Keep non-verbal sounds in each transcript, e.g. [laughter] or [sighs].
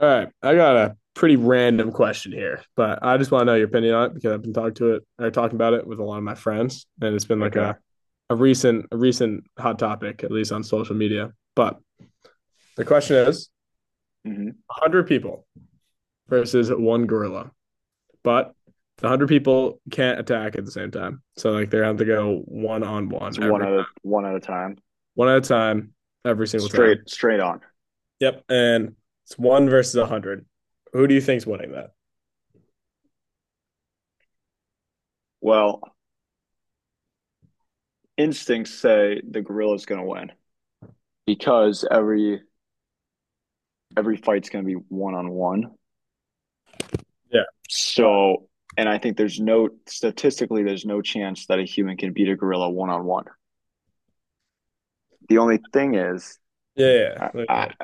All right, I got a pretty random question here, but I just want to know your opinion on it because I've been talking to it or talking about it with a lot of my friends, and it's been like Okay. a recent a recent hot topic, at least on social media. But the question is hmm 100 people versus one gorilla, but the 100 people can't attack at the same time. So, like, they're going to have to go one on It's one every time, one at a time. one at a time, every single time. Straight on. Yep. And it's one versus 100. Who do you think's winning that? Well, instincts say the gorilla's gonna win because every fight's gonna be one on one. Yeah. But, So, and I think there's no statistically there's no chance that a human can beat a gorilla one on one. The only thing is, yeah. I, Yeah. Yeah. I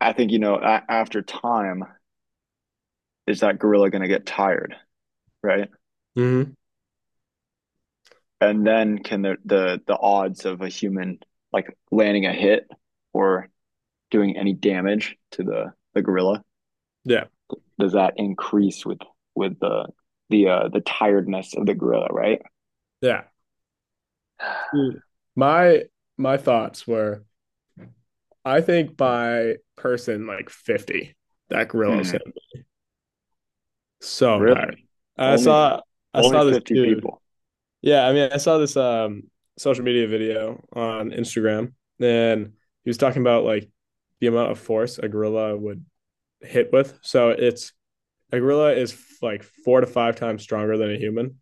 I think you know after time is that gorilla gonna get tired, right? Hmm. And then can the odds of a human like landing a hit or doing any damage to the gorilla, Yeah. does that increase with with the tiredness of the gorilla, right? Yeah. Mm. My my thoughts were I think by person like 50, that gorilla's Hmm. gonna be so tired. Really? I Only saw I only saw this 50 dude. people. Yeah, I mean I saw this social media video on Instagram, and he was talking about like the amount of force a gorilla would hit with. So it's a gorilla is like four to five times stronger than a human,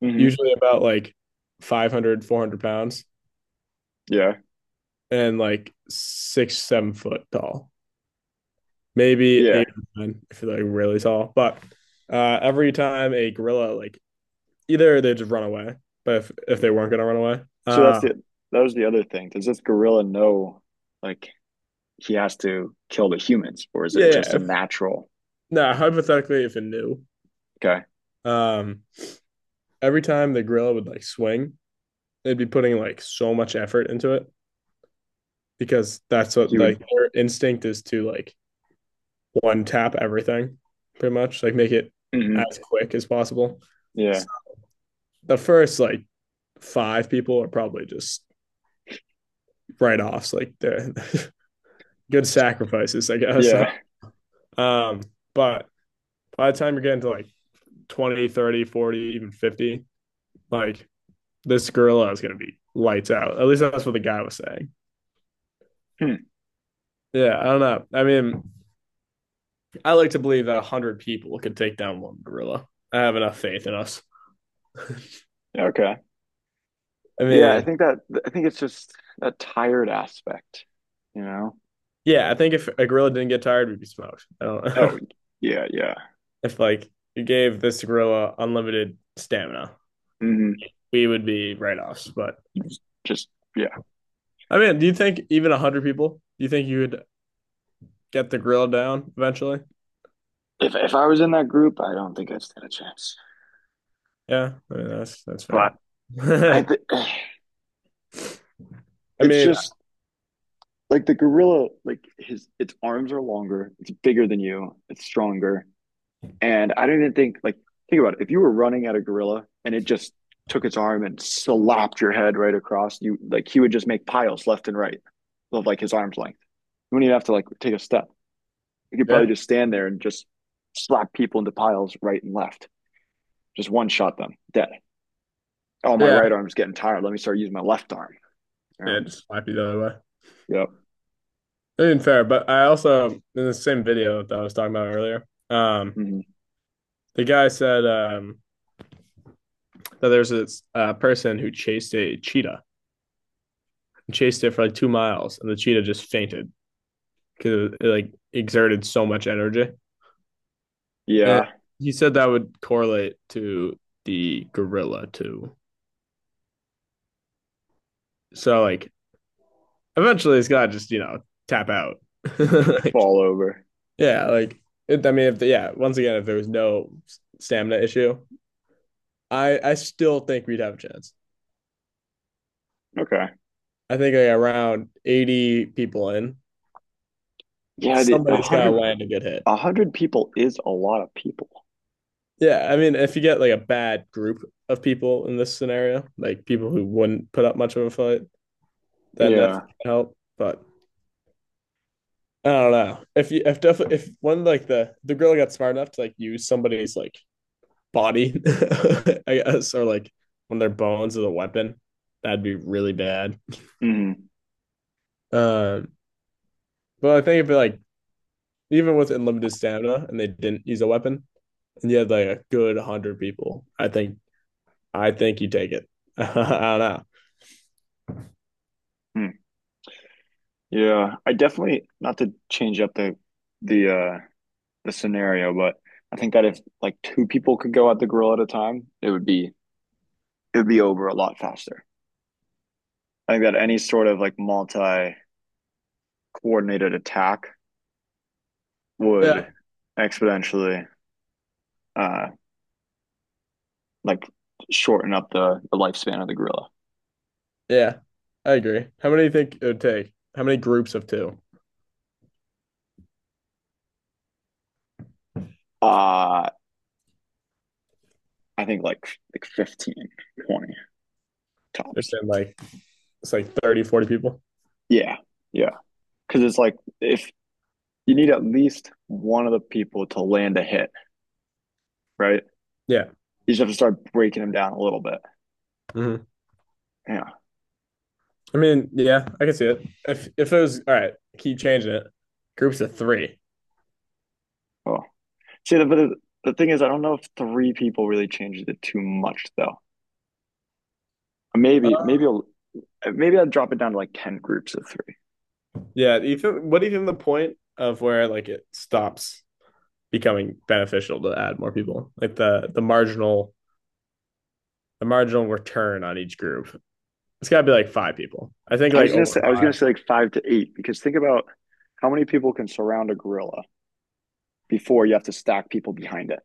Hmm. usually about like 500, 400 pounds, Yeah. and like six, 7 foot tall, maybe Yeah. eight or nine if they're like really tall. But every time a gorilla, like, either they just run away, but if they weren't gonna run away, So that's uh, the that was the other thing. Does this gorilla know like he has to kill the humans or is yeah, it just yeah. a If, natural? nah, hypothetically, if it knew, Okay. um, every time the gorilla would like swing, they'd be putting like so much effort into it because that's what He would. like their instinct is to like one tap everything, pretty much like make it Hmm. as quick as possible. Yeah. So the first like five people are probably just write offs. Like they're [laughs] good sacrifices, I guess. Yeah. [laughs] um, but by the time you're getting to like 20, 30, 40, even 50, like, this gorilla is going to be lights out. At least that's what the guy was saying. Hmm. Yeah, I don't know. I mean, I like to believe that 100 people could take down one gorilla. I have enough faith in us. Okay. I Yeah, I mean, think that I think it's just that tired aspect, you know? yeah, I think if a gorilla didn't get tired, we'd be smoked. I don't Oh, know. yeah, yeah. [laughs] If like you gave this gorilla unlimited stamina, Hmm. we would be write offs. But Just yeah. I mean, do you think even 100 people, do you think you would get the grill down eventually. If I was in that group, I don't think I'd stand a chance. Yeah, I mean, that's fair. But I [laughs] think, [sighs] I it's mean, just like the gorilla, like his its arms are longer, it's bigger than you, it's stronger, and I don't even think like, think about it. If you were running at a gorilla and it just took its arm and slapped your head right across, you like, he would just make piles left and right of like his arm's length. You wouldn't even have to like take a step. You could yeah, probably just stand there and just slap people into piles right and left. Just one shot them dead. Oh, my yeah, right arm's getting tired. Let me start using my left arm. You yeah, know? just slap you the other way. Yep. I mean, fair, but I also in the same video that I was talking about earlier, um, Hmm. the guy said that there's this person who chased a cheetah, chased it for like 2 miles, and the cheetah just fainted because it like exerted so much energy. And Yeah. he said that would correlate to the gorilla too. So like eventually it's gotta just tap out, [laughs] like, Fall over. yeah, like I mean if the, yeah, once again, if there was no stamina issue, I still think we'd have a chance. Okay. I think like around 80 people in, Yeah. A somebody's gotta hundred. land a good hit. A hundred people is a lot of people. Yeah, I mean if you get like a bad group of people in this scenario, like people who wouldn't put up much of a fight, then that's Yeah. gonna help. But I don't know, if definitely if one, like, the girl got smart enough to like use somebody's like body, [laughs] I guess, or like when their bones as a weapon. That'd be really bad. Mm-hmm. Um, but I think if like even with unlimited stamina and they didn't use a weapon, and you had like a good hundred people, I think you take it. [laughs] I don't know. Hmm. Yeah. I definitely, not to change up the the scenario, but I think that if like two people could go at the grill at a time, it would be over a lot faster. I think that any sort of like multi coordinated attack would Yeah, exponentially, uh, like shorten up the lifespan of the gorilla. yeah, I agree. How many do you think it would take? How many groups of two? Uh, I think like 15, 20 It's tops. been like it's like 30, 40 people. Yeah, yeah. Because it's like, if you need at least one of the people to land a hit, right? Yeah. You just have to start breaking them down a little bit. Hmm. Yeah. I mean, yeah, I can see it. If it was, all right, keep changing it. Groups of three. Oh, see, the thing is, I don't know if three people really changes it too much though. Uh, Maybe maybe maybe I'd drop it down to like ten groups of three. yeah. What do you think the point of where like it stops becoming beneficial to add more people? Like the marginal the marginal return on each group. It's gotta be like five people. I think I like was gonna over say I was gonna five. say like five to eight because think about how many people can surround a gorilla before you have to stack people behind it.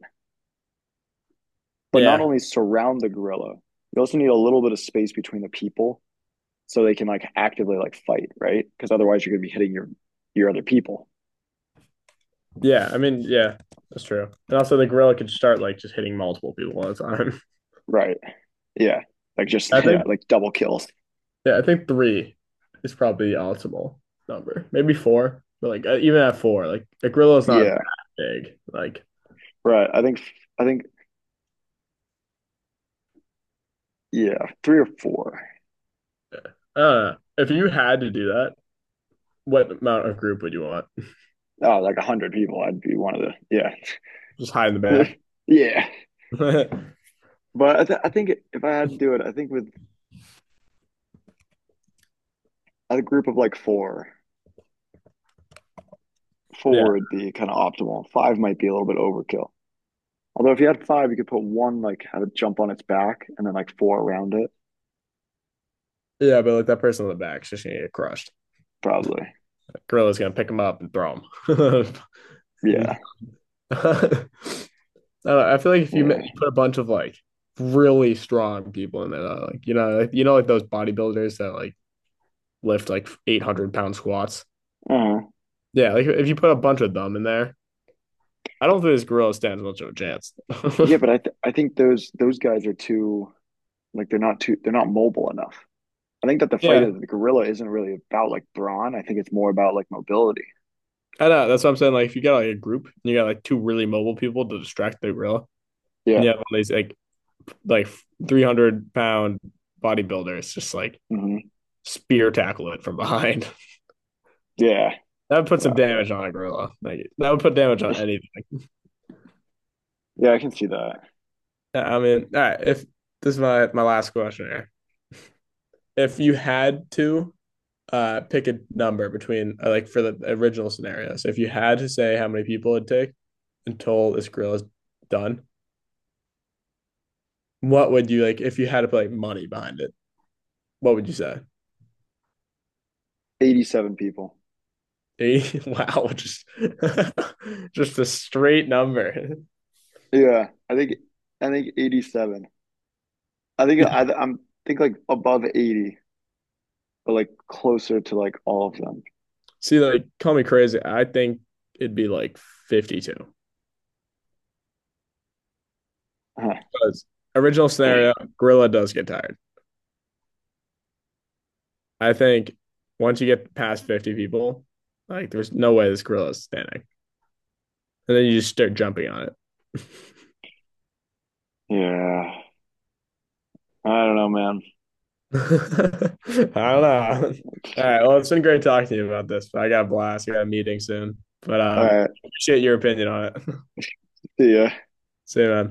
But not Yeah. only surround the gorilla, you also need a little bit of space between the people so they can like actively like fight, right? Because otherwise you're gonna be hitting your other people. Yeah, I mean, yeah, that's true. And also, the gorilla could start like just hitting multiple people at a time. Right. Yeah. Like just [laughs] I [laughs] yeah, think, like double kills. yeah, I think three is probably the optimal number. Maybe four, but like even at four, like, a gorilla is not that Yeah. big. Like, Right. I think yeah, three or four. If you had to do that, what amount of group would you want? Oh, like a hundred people. I'd be one of the, yeah, Just hide in the back. [laughs] yeah. [laughs] Yeah, But I think if I had to do it, I think with a group of like four, four would be kind of optimal. Five might be a little bit overkill. Although if you had five, you could put one like have it jump on its back and then like four around it, yeah, but like that person in the back is just gonna get crushed. probably. That gorilla's gonna pick him up and throw him. Yeah, [laughs] I don't know, I feel like if you yeah, put a bunch of like really strong people in there, like, like, like those bodybuilders that like lift like 800 pound squats. uh, Yeah, like if you put a bunch of them in there, I don't think this gorilla stands much of a chance. yeah. [laughs] But I think those guys are too like, they're not too they're not mobile enough. I think that the fight Yeah, of the gorilla isn't really about like brawn. I think it's more about like mobility. I know. That's what I'm saying. Like if you got like a group and you got like two really mobile people to distract the gorilla, and you Yeah. have all these like 300 pound bodybuilders just like Hmm. spear tackle it from behind. [laughs] Yeah. That would put some Yeah. damage on a gorilla. Like that would put damage on [laughs] anything. Yeah, I can see that. I mean, all right. If this is my last question here, if you had to pick a number between like, for the original scenario, so if you had to say how many people it'd take until this grill is done, what would you like? If you had to put like money behind it, what would you say? 87 people. [laughs] 80? Wow, just [laughs] just a straight number. Yeah. I think 87. I think I [laughs] I'm think like above 80, but like closer to like all of them. See, like, call me crazy. I think it'd be like 52. [laughs] Because, original scenario, Huh. gorilla does get tired. I think once you get past 50 people, like, there's no way this gorilla is standing. And then you just start jumping on it. Yeah. I don't know, man. [laughs] I don't know. All right. Well, it's been great talking to you about this. I got a blast. I got a meeting soon. But All right. appreciate your opinion on it. [laughs] See ya. See you, man.